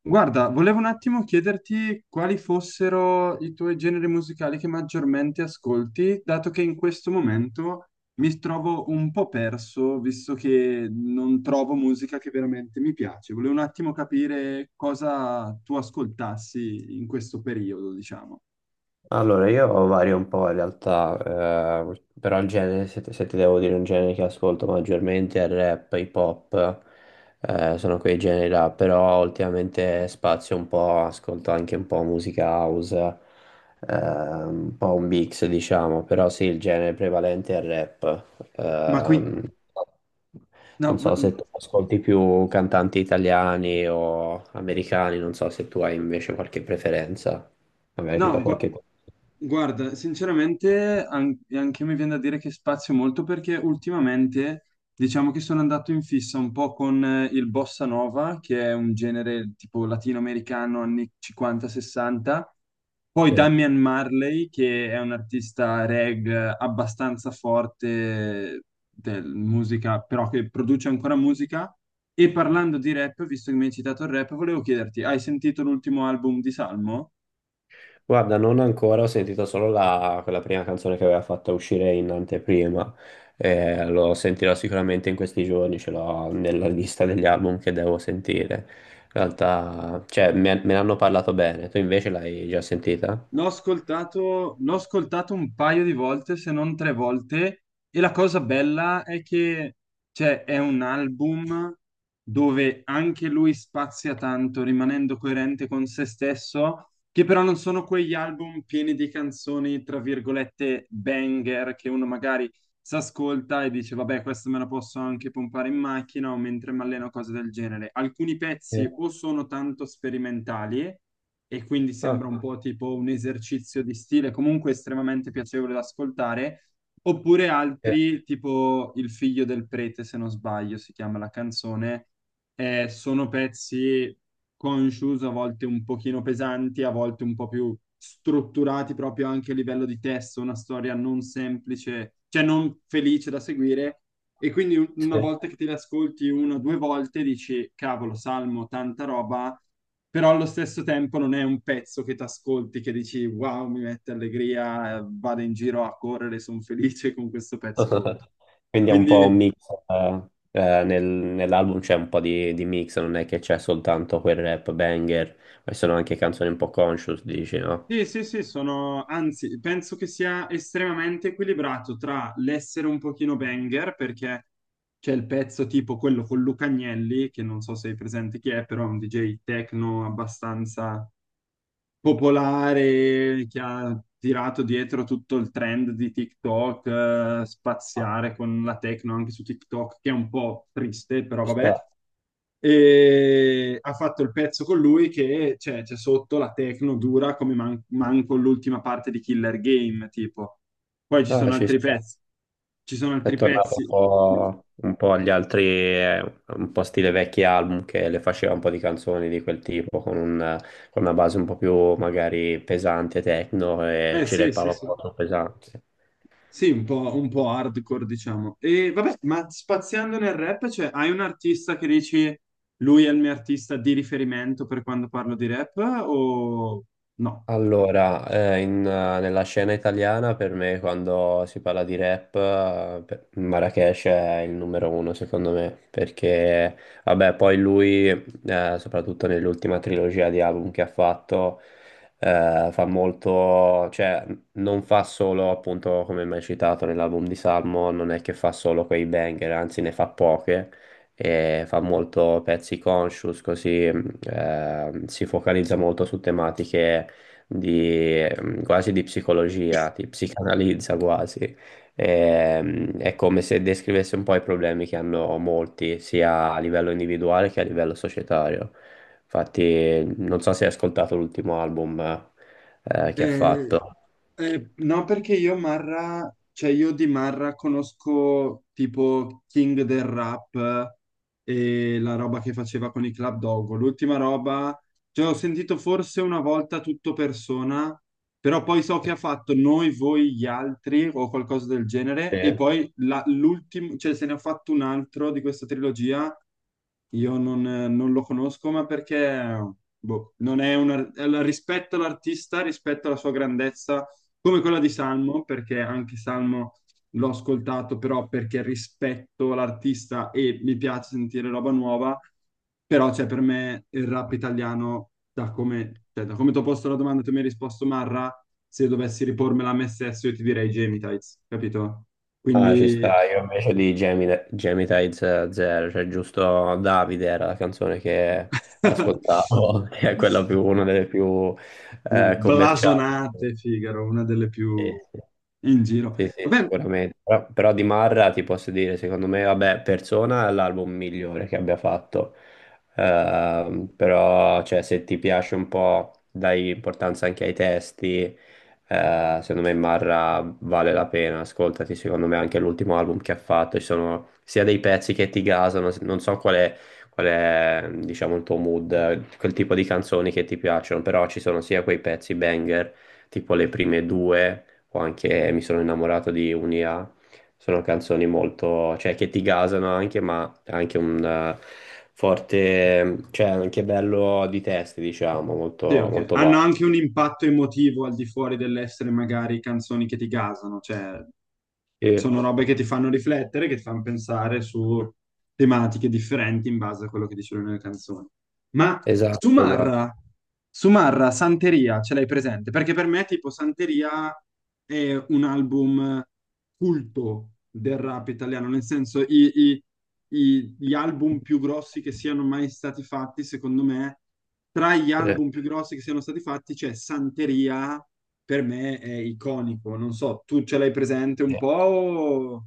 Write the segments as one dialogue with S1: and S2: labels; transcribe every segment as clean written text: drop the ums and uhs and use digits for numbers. S1: Guarda, volevo un attimo chiederti quali fossero i tuoi generi musicali che maggiormente ascolti, dato che in questo momento mi trovo un po' perso, visto che non trovo musica che veramente mi piace. Volevo un attimo capire cosa tu ascoltassi in questo periodo, diciamo.
S2: Allora, io vario un po' in realtà, però il genere, se ti devo dire un genere che ascolto maggiormente è il rap, hip hop, sono quei generi là, però ultimamente spazio un po', ascolto anche un po' musica house, un po' un mix diciamo, però sì, il genere prevalente è il rap.
S1: Ma qui...
S2: Ehm,
S1: No,
S2: Non
S1: vo-
S2: so se tu ascolti più cantanti italiani o americani, non so se tu hai invece qualche preferenza, magari ti do
S1: no, gua-
S2: qualche consiglio.
S1: Guarda, sinceramente anche a me viene da dire che spazio molto perché ultimamente diciamo che sono andato in fissa un po' con il bossa nova, che è un genere tipo latinoamericano anni 50-60, poi
S2: Sì.
S1: Damian Marley, che è un artista reg abbastanza forte del musica, però che produce ancora musica. E parlando di rap, visto che mi hai citato il rap, volevo chiederti, hai sentito l'ultimo album di Salmo?
S2: Guarda, non ancora, ho sentito solo quella prima canzone che aveva fatto uscire in anteprima. Lo sentirò sicuramente in questi giorni, ce l'ho nella lista degli album che devo sentire. In realtà, cioè, me ne hanno parlato bene, tu invece l'hai già sentita?
S1: L'ho ascoltato un paio di volte, se non tre volte, e la cosa bella è che cioè, è un album dove anche lui spazia tanto, rimanendo coerente con se stesso, che però non sono quegli album pieni di canzoni, tra virgolette, banger, che uno magari si ascolta e dice, vabbè, questo me lo posso anche pompare in macchina o mentre mi alleno, cose del genere. Alcuni
S2: Sì.
S1: pezzi o sono tanto sperimentali e quindi
S2: Ah,
S1: sembra un po' tipo un esercizio di stile, comunque estremamente piacevole da ascoltare, oppure
S2: sì,
S1: altri, tipo Il figlio del prete, se non sbaglio, si chiama la canzone, sono pezzi conscious, a volte un pochino pesanti, a volte un po' più strutturati proprio anche a livello di testo, una storia non semplice, cioè non felice da seguire. E quindi una volta
S2: sì.
S1: che te le ascolti una o due volte dici, cavolo, Salmo, tanta roba, però allo stesso tempo non è un pezzo che ti ascolti, che dici, wow, mi mette allegria, vado in giro a correre, sono felice con questo pezzo sotto.
S2: Quindi è un po' un
S1: Quindi
S2: mix, eh, nell'album c'è un po' di mix, non è che c'è soltanto quel rap banger, ma ci sono anche canzoni un po' conscious, dici, no?
S1: sì, sì, sì, sono, anzi, penso che sia estremamente equilibrato tra l'essere un pochino banger, perché c'è il pezzo tipo quello con Luca Agnelli, che non so se hai presente chi è, però è un DJ techno abbastanza popolare, che ha tirato dietro tutto il trend di TikTok,
S2: Ah,
S1: spaziare con la techno anche su TikTok, che è un po' triste, però
S2: ci sta.
S1: vabbè e ha fatto il pezzo con lui che cioè, c'è sotto la techno dura come manco l'ultima parte di Killer Game, tipo. Poi ci
S2: Ah,
S1: sono
S2: ci
S1: altri
S2: sta.
S1: pezzi, ci sono
S2: È
S1: altri
S2: tornato
S1: pezzi.
S2: un po' agli altri, un po' stile vecchi album che le faceva un po' di canzoni di quel tipo, con una base un po' più magari pesante, techno, e
S1: Eh
S2: ci
S1: sì, sì,
S2: rappava un
S1: sì.
S2: po' troppo pesante.
S1: Sì, un po' hardcore, diciamo. E vabbè, ma spaziando nel rap, cioè, hai un artista che dici lui è il mio artista di riferimento per quando parlo di rap o no?
S2: Allora, nella scena italiana per me quando si parla di rap, Marracash è il numero uno secondo me, perché vabbè poi lui, soprattutto nell'ultima trilogia di album che ha fatto, fa molto, cioè non fa solo appunto come mai citato nell'album di Salmo, non è che fa solo quei banger, anzi ne fa poche e fa molto pezzi conscious, così si focalizza molto su tematiche di, quasi di psicologia, ti psicanalizza quasi. È come se descrivesse un po' i problemi che hanno molti, sia a livello individuale che a livello societario. Infatti, non so se hai ascoltato l'ultimo album che ha
S1: Eh,
S2: fatto.
S1: no, perché io Marra, cioè io di Marra conosco tipo King del Rap e la roba che faceva con i Club Dogo. L'ultima roba cioè, ho sentito forse una volta tutto persona, però poi so che ha fatto noi, voi, gli altri o qualcosa del genere,
S2: Sì.
S1: e poi l'ultimo, cioè se ne ha fatto un altro di questa trilogia, io non, non lo conosco, ma perché boh, non è una, è rispetto all'artista, rispetto alla sua grandezza, come quella di Salmo, perché anche Salmo l'ho ascoltato però perché rispetto l'artista e mi piace sentire roba nuova, però cioè, per me il rap italiano, da come, cioè, da come ti ho posto la domanda, tu mi hai risposto Marra, se dovessi ripormela a me stesso io ti direi Jamie Tights, capito?
S2: Ah, ci sta,
S1: Quindi...
S2: io invece di Geminides Zero, cioè giusto Davide era la canzone che ascoltavo, che è quella più, una delle più commerciali.
S1: Blasonate, Figaro, una delle
S2: Sì,
S1: più
S2: sì.
S1: in giro.
S2: Sì, sì,
S1: Vabbè,
S2: sicuramente. Però di Marra ti posso dire, secondo me, vabbè, Persona è l'album migliore che abbia fatto. Però, cioè, se ti piace un po', dai importanza anche ai testi, secondo me Marra vale la pena. Ascoltati, secondo me, anche l'ultimo album che ha fatto. Ci sono sia dei pezzi che ti gasano, non so qual è, diciamo, il tuo mood, quel tipo di canzoni che ti piacciono, però ci sono sia quei pezzi banger, tipo le prime due o anche Mi sono innamorato di un'IA, sono canzoni molto, cioè che ti gasano anche, ma anche un forte, cioè anche bello di testi, diciamo,
S1: sì,
S2: molto,
S1: ok.
S2: molto
S1: Hanno
S2: valido.
S1: anche un impatto emotivo al di fuori dell'essere magari canzoni che ti gasano, cioè
S2: Sì,
S1: sono robe che ti fanno riflettere, che ti fanno pensare su tematiche differenti in base a quello che dicevo nelle canzoni. Ma
S2: esatto, esatto.
S1: Sumarra, Sumarra, Santeria, ce l'hai presente? Perché per me tipo Santeria è un album culto del rap italiano, nel senso gli album più grossi che siano mai stati fatti, secondo me, tra gli
S2: Sì,
S1: album più grossi che siano stati fatti c'è Santeria, per me è iconico, non so, tu ce l'hai presente
S2: sì.
S1: un po'? O-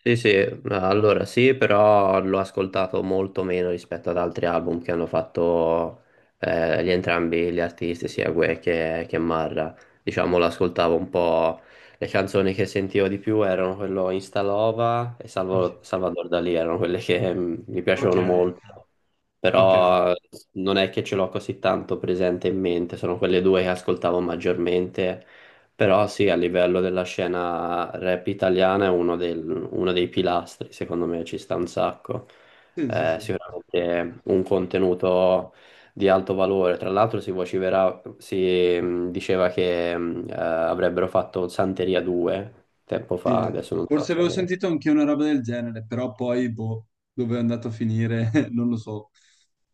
S2: Sì, sì, allora sì, però l'ho ascoltato molto meno rispetto ad altri album che hanno fatto, gli entrambi gli artisti, sia Guè che Marra. Diciamo, l'ascoltavo un po'. Le canzoni che sentivo di più erano quello Instalova e
S1: Ok,
S2: Salvador Dalì, erano quelle che mm, mi
S1: ok,
S2: piacevano molto.
S1: ok.
S2: Però non è che ce l'ho così tanto presente in mente, sono quelle due che ascoltavo maggiormente, però sì, a livello della scena rap italiana è uno dei pilastri, secondo me ci sta un sacco.
S1: Sì, sì, sì.
S2: Sicuramente un contenuto di alto valore. Tra l'altro si diceva che avrebbero fatto Santeria 2 tempo fa,
S1: Sì,
S2: adesso non so
S1: forse avevo
S2: se...
S1: sentito anche una roba del genere, però poi, boh, dove è andato a finire, non lo so.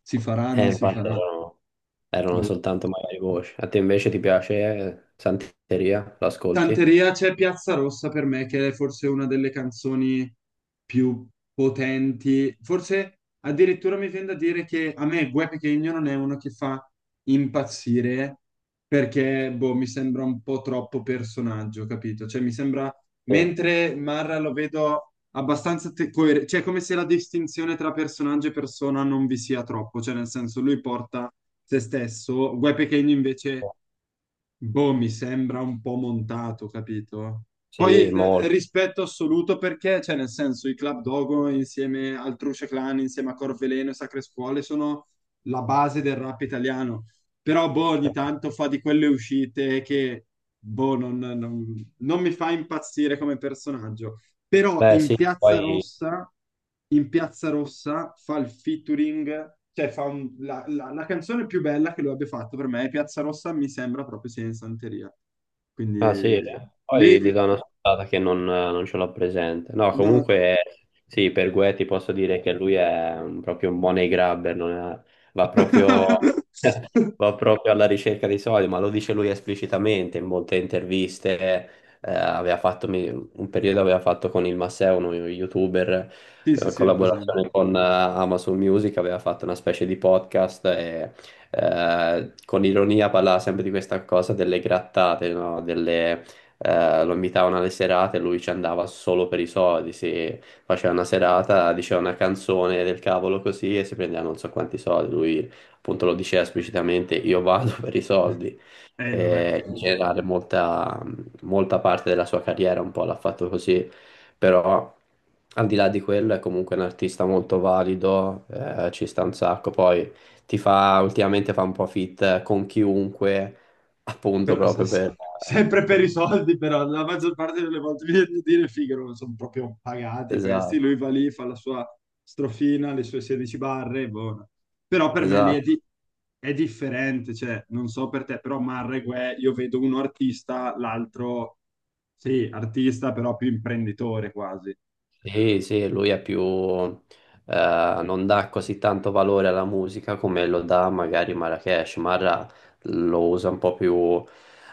S1: Si farà,
S2: Eh,
S1: non si
S2: infatti
S1: farà.
S2: erano, erano soltanto magari voci. A te invece ti piace Santeria? L'ascolti?
S1: Tanteria c'è Piazza Rossa per me, che è forse una delle canzoni più potenti. Forse addirittura mi viene da dire che a me Guè Pequeno non è uno che fa impazzire perché boh, mi sembra un po' troppo personaggio, capito? Cioè mi sembra,
S2: Sì,
S1: mentre Marra lo vedo abbastanza cioè come se la distinzione tra personaggio e persona non vi sia troppo, cioè nel senso lui porta se stesso, Guè Pequeno invece boh, mi sembra un po' montato, capito?
S2: sì,
S1: Poi
S2: molto.
S1: rispetto assoluto perché, cioè, nel senso, i Club Dogo insieme al Truce Clan, insieme a Corveleno e Sacre Scuole sono la base del rap italiano. Però, boh, ogni
S2: Cioè,
S1: tanto fa di quelle uscite che, boh, non, non mi fa impazzire come personaggio. Però
S2: beh sì, poi...
S1: In Piazza Rossa fa il featuring, cioè fa la, la canzone più bella che lui abbia fatto per me, è Piazza Rossa mi sembra proprio sia in Santeria.
S2: Ah sì, eh?
S1: Quindi lì,
S2: Poi gli do una scontata che non ce l'ho presente. No,
S1: no.
S2: comunque sì, per Guè ti posso dire che lui è proprio un money grabber, non è- va proprio, va proprio alla ricerca dei soldi, ma lo dice lui esplicitamente in molte interviste. Aveva fatto, un periodo aveva fatto con il Masseo, uno youtuber,
S1: Sì, sì, sì, ho presente.
S2: collaborazione con Amazon Music, aveva fatto una specie di podcast con ironia parlava sempre di questa cosa delle grattate, no? Delle, lo invitavano alle serate, lui ci andava solo per i soldi, si faceva una serata, diceva una canzone del cavolo così e si prendeva non so quanti soldi, lui appunto lo diceva esplicitamente, io vado per i soldi.
S1: Vabbè.
S2: In generale molta parte della sua carriera un po' l'ha fatto così, però al di là di quello è comunque un artista molto valido, ci sta un sacco, poi ti fa ultimamente fa un po' fit con chiunque, appunto,
S1: Però
S2: proprio
S1: sempre per i
S2: per-
S1: soldi, però la maggior parte delle volte mi viene a dire, figo, non sono proprio pagati questi,
S2: Esatto,
S1: lui va lì, fa la sua strofina, le sue 16 barre, buona. Però per me lì è,
S2: esatto.
S1: è differente, cioè, non so per te, però Marreguè, io vedo uno artista, l'altro, sì, artista, però più imprenditore quasi.
S2: Sì, sì, lui è più, non dà così tanto valore alla musica come lo dà magari Marrakesh. Marra lo usa un po' più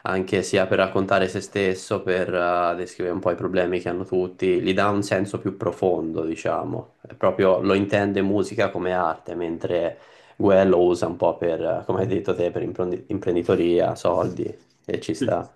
S2: anche sia per raccontare se stesso, per descrivere un po' i problemi che hanno tutti, gli dà un senso più profondo, diciamo. È proprio lo intende musica come arte, mentre Guè lo usa un po' per, come hai detto te, per imprenditoria, soldi, e ci
S1: Sì.
S2: sta.